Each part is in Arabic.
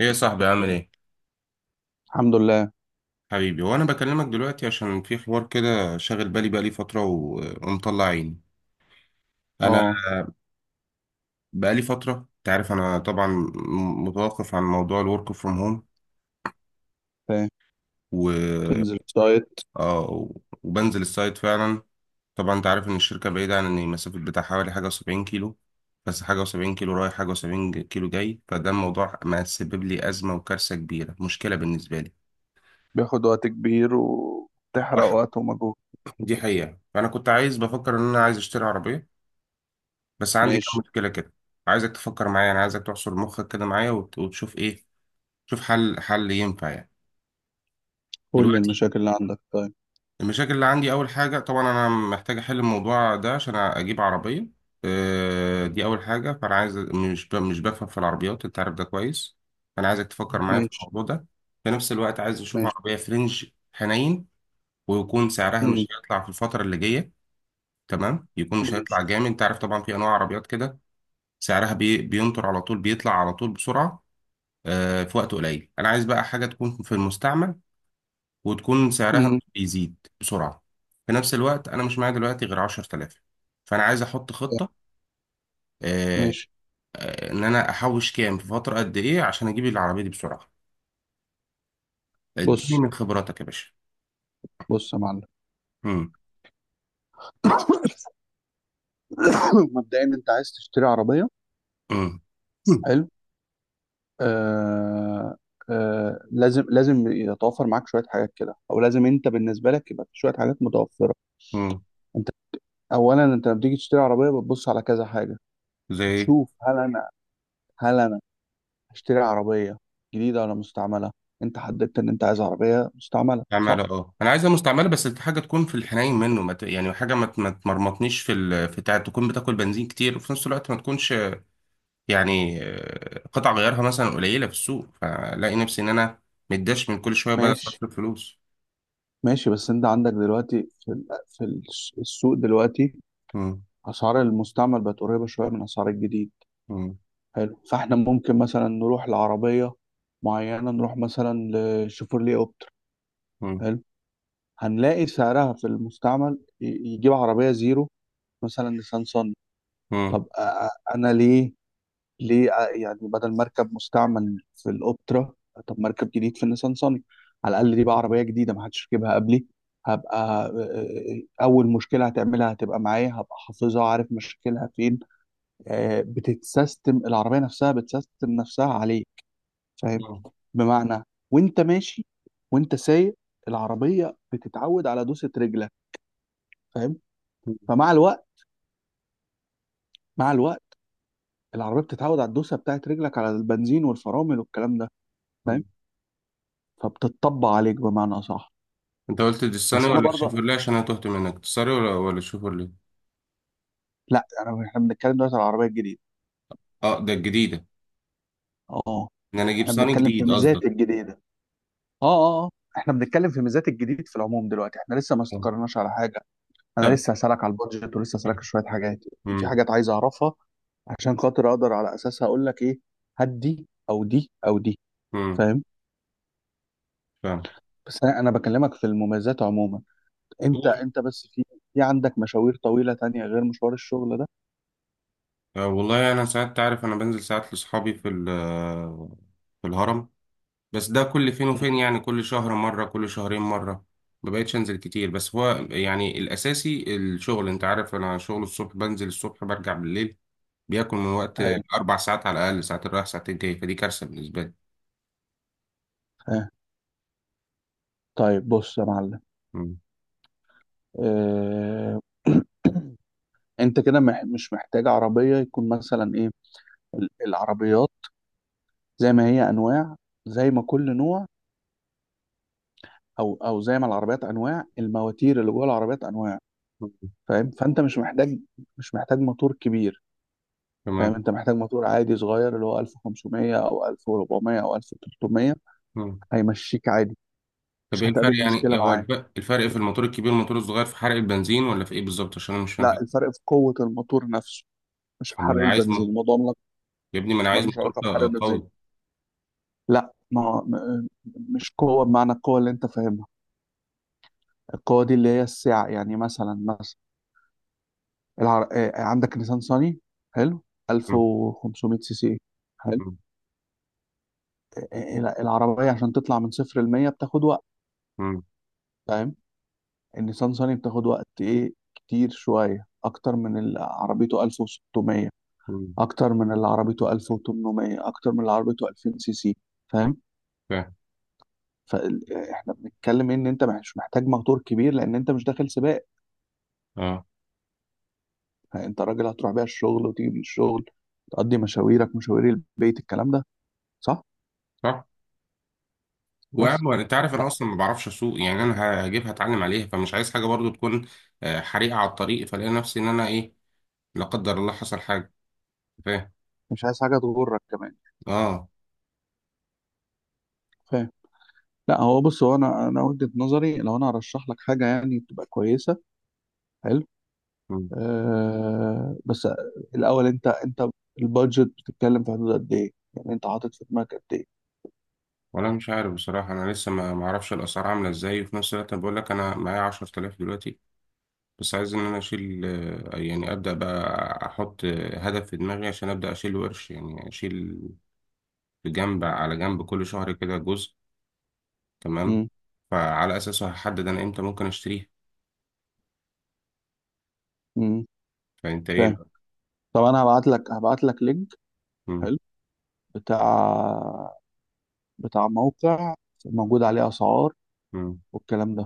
ايه يا صاحبي؟ عامل ايه؟ الحمد لله. حبيبي، وانا بكلمك دلوقتي عشان في حوار كده شاغل بالي بقالي فتره و- ومطلع عيني. انا اه، بقالي فتره، انت عارف انا طبعا متوقف عن موضوع الورك فروم هوم فاهم. و... تنزل سايت. آه وبنزل السايت فعلا. طبعا انت عارف ان الشركه بعيده عن المسافه بتاع حوالي حاجه و70 كيلو، بس حاجه و70 كيلو رايح، حاجه و70 كيلو جاي. فده الموضوع ما سبب لي ازمه وكارثه كبيره، مشكله بالنسبه لي. بياخد وقت كبير وتحرق وح- وقت ومجهود. دي حقيقه. فانا كنت عايز، بفكر ان انا عايز اشتري عربيه، بس عندي كام ماشي، مشكلة كده. عايزك تفكر معايا، انا عايزك تحصر مخك كده معايا وتشوف ايه، تشوف حل، حل ينفع يعني. كل دلوقتي المشاكل اللي عندك؟ طيب. المشاكل اللي عندي، اول حاجة طبعا انا محتاج احل الموضوع ده عشان اجيب عربية. دي اول حاجة. فانا عايز، مش مش بفهم في العربيات، انت عارف ده كويس. فانا عايزك تفكر معايا في ماشي. الموضوع ده. في نفس الوقت عايز اشوف ماشي. عربية فرنج، حنين، ويكون سعرها مم. مش هيطلع في الفترة اللي جاية. تمام، يكون مش ماشي. هيطلع جامد. انت عارف طبعا في انواع عربيات كده سعرها بينطر على طول، بيطلع على طول بسرعة. في وقت قليل. انا عايز بقى حاجه تكون في المستعمل وتكون سعرها مم. مش بيزيد بسرعه. في نفس الوقت انا مش معايا دلوقتي غير 10,000، فانا عايز احط طيب. خطه، آه، ماشي. ان انا احوش كام في فتره قد ايه عشان اجيب العربيه دي بسرعه. اديني بص، من خبراتك يا باشا. بص يا معلم. امم مبدئيا انت عايز تشتري عربية. امم حلو. آه. آه، لازم يتوفر معاك شوية حاجات كده، او لازم انت بالنسبة لك يبقى في شوية حاجات متوفرة. امم انت اولا انت لما بتيجي تشتري عربية بتبص على كذا حاجة. زي. بتشوف هل انا هشتري عربية جديدة ولا مستعملة. انت حددت ان انت عايز عربية مستعملة، صح؟ مستعمله، اه انا عايزها مستعمله، بس حاجه تكون في الحنين. منه ما ت- يعني حاجه ما تمرمطنيش في تكون بتاكل بنزين كتير، وفي نفس الوقت ما تكونش يعني قطع غيارها مثلا قليلة في السوق، فلاقي نفسي إن أنا متداش من كل شوية ماشي. بصرف فلوس. ماشي، بس انت عندك دلوقتي في السوق دلوقتي مم. اسعار المستعمل بقت قريبة شوية من اسعار الجديد. مم. حلو، فاحنا ممكن مثلا نروح لعربية معينة، نروح مثلا لشيفورلي اوبتر. مم. حلو، هنلاقي سعرها في المستعمل يجيب عربية زيرو مثلا نيسان صني. طب مم. انا ليه؟ ليه يعني بدل مركب مستعمل في الاوبترا، طب مركب جديد في النيسان صني؟ على الاقل دي بقى عربيه جديده ما حدش ركبها قبلي. هبقى اول مشكله هتعملها هتبقى معايا، هبقى حافظها عارف مشكلها فين. بتتسيستم العربيه نفسها، بتسيستم نفسها عليك، فاهم؟ مم. بمعنى، وانت ماشي، وانت سايق، العربيه بتتعود على دوسه رجلك، فاهم؟ فمع الوقت، مع الوقت، العربيه بتتعود على الدوسه بتاعت رجلك، على البنزين والفرامل والكلام ده، فاهم؟ مم. فبتطبق عليك بمعنى اصح. أنت قلت دي بس انا ولا برضه، تشيفرلي؟ عشان أنا تهت منك. دي ولا تشيفرلي؟ لا يعني احنا بنتكلم دلوقتي على العربيه الجديده. أه، ده الجديدة. اه، إن أنا أجيب احنا صني بنتكلم في جديد قصدك؟ ميزات الجديده. اه، اه. آه، احنا بنتكلم في ميزات الجديد في العموم، دلوقتي احنا لسه ما آه. استقرناش على حاجه. انا طب. لسه هسالك على البادجت، ولسه هسالك شويه حاجات. في مم. حاجات عايز اعرفها عشان خاطر اقدر على اساسها اقول لك ايه، هات دي او دي او دي، مم. فاهم؟ فاهم. بس انا بكلمك في المميزات عموما. انت قول. انت بس في، في عندك مشاوير طويله تانية غير مشوار الشغل ده؟ والله أنا ساعات، تعرف أنا بنزل ساعات لأصحابي في ال- آه، في الهرم، بس ده كل فين مم. وفين يعني، كل شهر مرة، كل شهرين مرة. ما بقتش انزل كتير، بس هو يعني الاساسي الشغل. انت عارف انا شغل الصبح، بنزل الصبح برجع بالليل. بياكل من وقت أيوة. اربع ساعات على الاقل، ساعتين رايح ساعتين جاي، فدي كارثة بالنسبة لي. آه. طيب بص يا معلم. مم. آه، انت كده مش محتاج عربية يكون مثلا ايه. العربيات زي ما هي انواع، زي ما كل نوع، او زي ما العربيات انواع، المواتير اللي جوه العربيات انواع، مم. فاهم؟ فانت مش محتاج، مش محتاج موتور كبير، فاهم؟ تمام. انت محتاج موتور عادي صغير، اللي هو 1500 او 1400 او 1300، مم. هيمشيك عادي. طب مش ايه هتقابل الفرق مشكلة يعني، هو معاه. الفرق في الموتور الكبير والموتور الصغير في حرق البنزين ولا في ايه بالظبط؟ عشان انا مش فاهم لا، حاجة. الفرق في قوة الموتور نفسه، مش في طب ما حرق انا عايز البنزين. الموضوع يا ابني ما انا عايز ملوش موتور علاقة بحرق البنزين. قوي. لا، ما هو- م- مش قوة بمعنى القوة اللي انت فاهمها، القوة دي اللي هي السعة. يعني مثلا، مثلا العر... آه، عندك نيسان صاني، حلو، مم. 1500 سي سي، حلو. مم. آه، آه، العربية عشان تطلع من صفر ل 100 بتاخد وقت، مم. فاهم؟ النيسان صاني بتاخد وقت ايه، كتير شوية اكتر من اللي عربيته 1600، مم. اكتر من اللي عربيته 1800، اكتر من اللي عربيته 2000 سي سي، فاهم؟ فاهم. فاحنا بنتكلم ان انت مش محتاج موتور كبير، لان انت مش داخل سباق. اه. يعني انت راجل هتروح بيها الشغل وتيجي من الشغل، تقضي مشاويرك، مشاوير البيت، الكلام ده، صح؟ صح. بس وأعمل، انت عارف لا، انا اصلا ما بعرفش اسوق، يعني انا هجيبها اتعلم عليها، فمش عايز حاجه برضو تكون حريقه على الطريق، فلاقي نفسي ان انا ايه، لا قدر الله حصل حاجه. فاهم. مش عايز حاجه تغرك كمان، اه. فاهم؟ لا هو بص، هو انا وجهه نظري لو انا هرشح لك حاجه يعني تبقى كويسه، حلو. مم. آه بس الاول، انت البادجت بتتكلم في حدود قد ايه؟ يعني انت حاطط في دماغك قد ايه؟ ولا مش عارف بصراحه، انا لسه ما اعرفش الاسعار عامله ازاي. وفي نفس الوقت أنا بقول لك انا معايا 10,000 دلوقتي، بس عايز ان انا اشيل، يعني ابدا بقى، احط هدف في دماغي عشان ابدا اشيل ورش، يعني اشيل بجنب، على جنب كل شهر كده جزء، تمام. امم. فعلى اساسه هحدد انا امتى ممكن اشتريها. امم. فانت ايه فاهم. بقى؟ طب انا هبعت لك لينك، مم. حلو، بتاع، بتاع موقع موجود عليه اسعار مم. والكلام ده،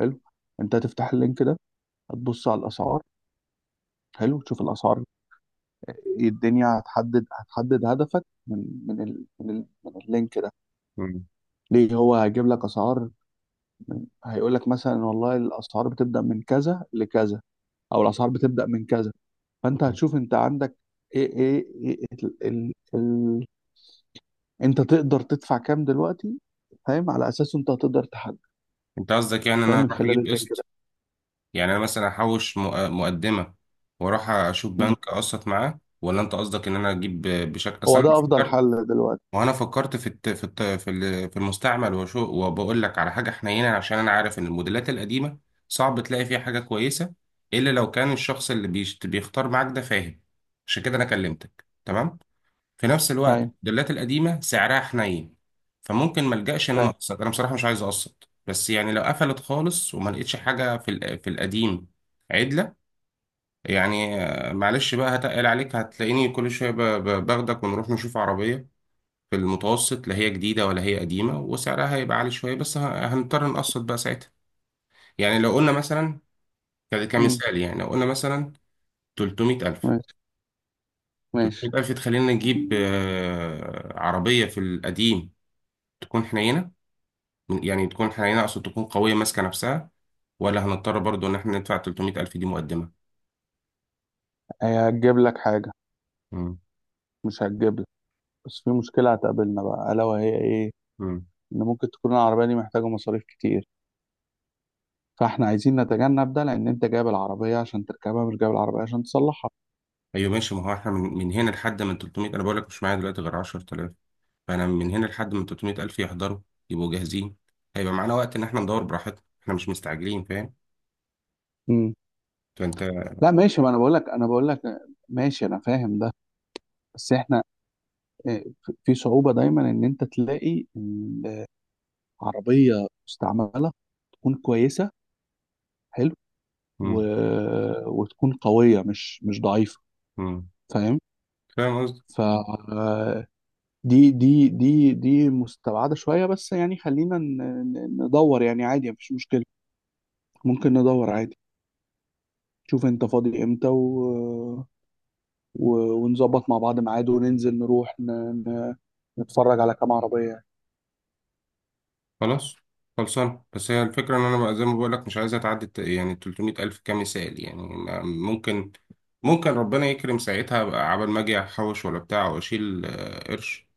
حلو. انت هتفتح اللينك ده، هتبص على الاسعار، حلو، تشوف الاسعار إيه الدنيا، هتحدد، هتحدد هدفك من اللينك ده. مم. ليه؟ هو هيجيب لك اسعار، هيقول لك مثلا والله الاسعار بتبدا من كذا لكذا، او الاسعار بتبدا من كذا. فانت مم. هتشوف انت عندك ايه ايه, إيه ال ال ال انت تقدر تدفع كام دلوقتي، فاهم؟ على اساسه انت هتقدر تحدد، انت قصدك يعني فاهم، انا من اروح خلال اجيب اللينك ده. قسط؟ يعني انا مثلا احوش مقدمه واروح اشوف مم. بنك اقسط معاه، ولا انت قصدك ان انا اجيب بشكل هو اصل؟ ده انا افضل فكرت، حل دلوقتي. وانا فكرت في الت... في الت... في ال- في المستعمل وشو. وبقول لك على حاجه حنينه عشان انا عارف ان الموديلات القديمه صعب تلاقي فيها حاجه كويسه، الا لو كان الشخص اللي بيختار معاك ده فاهم، عشان كده انا كلمتك. تمام. في نفس الوقت ايوه. الموديلات القديمه سعرها حنين، فممكن ما الجاش ان انا فاهم. اقسط. انا بصراحه مش عايز اقسط، بس يعني لو قفلت خالص وما لقيتش حاجه في القديم عدله، يعني معلش بقى، هتقل عليك، هتلاقيني كل شويه باخدك ونروح نشوف عربيه في المتوسط، لا هي جديده ولا هي قديمه، وسعرها هيبقى عالي شويه، بس هنضطر نقسط بقى ساعتها. يعني لو قلنا مثلا، مم. كمثال يعني، لو قلنا مثلا 300,000. ماشي. ماشي. تخلينا نجيب عربيه في القديم، تكون حنينه، يعني تكون حنينة، أقصد تكون قوية ماسكة نفسها، ولا هنضطر برضو إن إحنا ندفع 300 ألف دي مقدمة؟ هي هتجيب لك حاجه، مم. مش هتجيب. بس في مشكلة هتقابلنا بقى، ألا وهي إيه؟ مم. إن ممكن تكون العربية دي محتاجة مصاريف كتير، فإحنا عايزين نتجنب ده، لأن أنت جايب العربية عشان تركبها مش جايب العربية عشان تصلحها. أيوة ماشي، ما هو إحنا من هنا لحد من 300. أنا بقول لك مش معايا دلوقتي غير 10,000، فأنا من هنا لحد من 300 ألف يحضروا، يبقوا جاهزين. هيبقى معانا وقت إن إحنا ندور براحتنا، إحنا مش مستعجلين، فاهم. مم. فأنت. لا ماشي، ما أنا بقول لك، ماشي أنا فاهم ده. بس إحنا، آه، في صعوبة دايما إن أنت تلاقي إن عربية مستعملة تكون كويسة، حلو، و... مم. وتكون قوية، مش ضعيفة، مم. فاهم؟ فاهم. ف، دي مستبعدة شوية، بس يعني خلينا ندور يعني، عادي مفيش مشكلة، ممكن ندور عادي. شوف انت فاضي امتى، و... و... ونظبط مع بعض ميعاد وننزل نروح ن... نتفرج على كام عربية يعني. خلاص. خلصان. بس هي الفكرة إن أنا بقى زي ما بقولك مش عايزة تعدي يعني 300 ألف كمثال. يعني أنا ممكن، ممكن ربنا يكرم ساعتها بقى، عبال ما أجي أحوش ولا بتاع وأشيل قرش،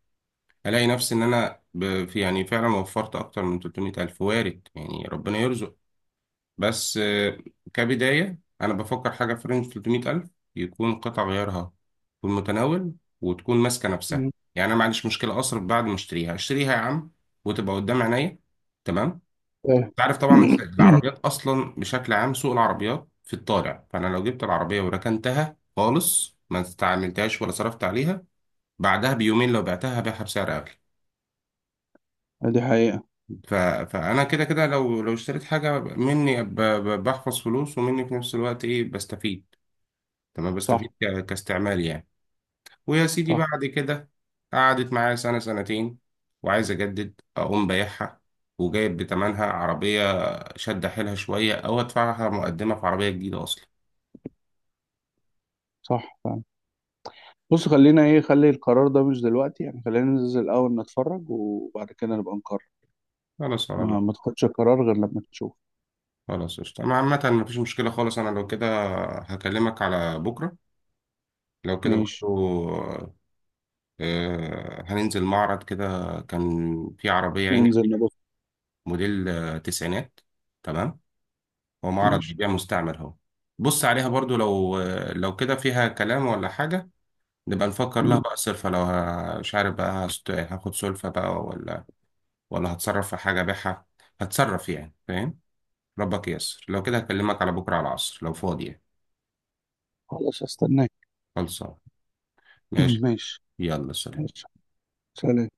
ألاقي نفسي إن أنا في، يعني فعلا وفرت أكتر من 300 ألف، وارد يعني، ربنا يرزق. بس كبداية أنا بفكر حاجة في رينج 300 ألف، يكون قطع غيارها في المتناول، وتكون ماسكة نفسها. مم. يعني أنا ما عنديش مشكلة أصرف بعد ما أشتريها. أشتريها يا عم وتبقى قدام عينيا، تمام. إيه. انت عارف طبعا العربيات اصلا بشكل عام سوق العربيات في الطالع، فانا لو جبت العربيه وركنتها خالص، ما استعملتهاش ولا صرفت عليها، بعدها بيومين لو بعتها هبيعها بسعر اغلى. دي حقيقة. فانا كده كده لو، لو اشتريت حاجه مني بحفظ فلوس، ومني في نفس الوقت ايه، بستفيد. تمام، صح. بستفيد كاستعمال يعني. ويا سيدي صح. بعد كده قعدت معايا سنه سنتين، وعايز اجدد، اقوم بايعها وجايب بتمنها عربيه، شد حيلها شويه، او ادفعها مقدمه في عربيه جديده اصلا. صح فعلا. بص خلينا ايه، خلي القرار ده مش دلوقتي يعني، خلينا ننزل الأول نتفرج وبعد كده نبقى نقرر. خلاص، على ما الله. تاخدش قرار غير لما تشوف. خلاص قشطة، أنا عامة مفيش مشكلة خالص. أنا لو كده هكلمك على بكرة، لو كده ماشي. برضو هننزل معرض كده. كان في عربية يعني ننزل نبص. موديل تسعينات، تمام. هو معرض ماشي. بيبيع مستعمل أهو، بص عليها برضو. لو لو كده فيها كلام ولا حاجة، نبقى نفكر لها مم. بقى صرفة. لو مش عارف بقى، هاخد سلفة بقى ولا ولا هتصرف في حاجة أبيعها هتصرف يعني، فاهم. ربك ييسر. لو كده هكلمك على بكرة على العصر لو فاضي يعني. خلاص، استناك. خلصان. ماشي. ماشي. يلا سلام. ماشي. سلام.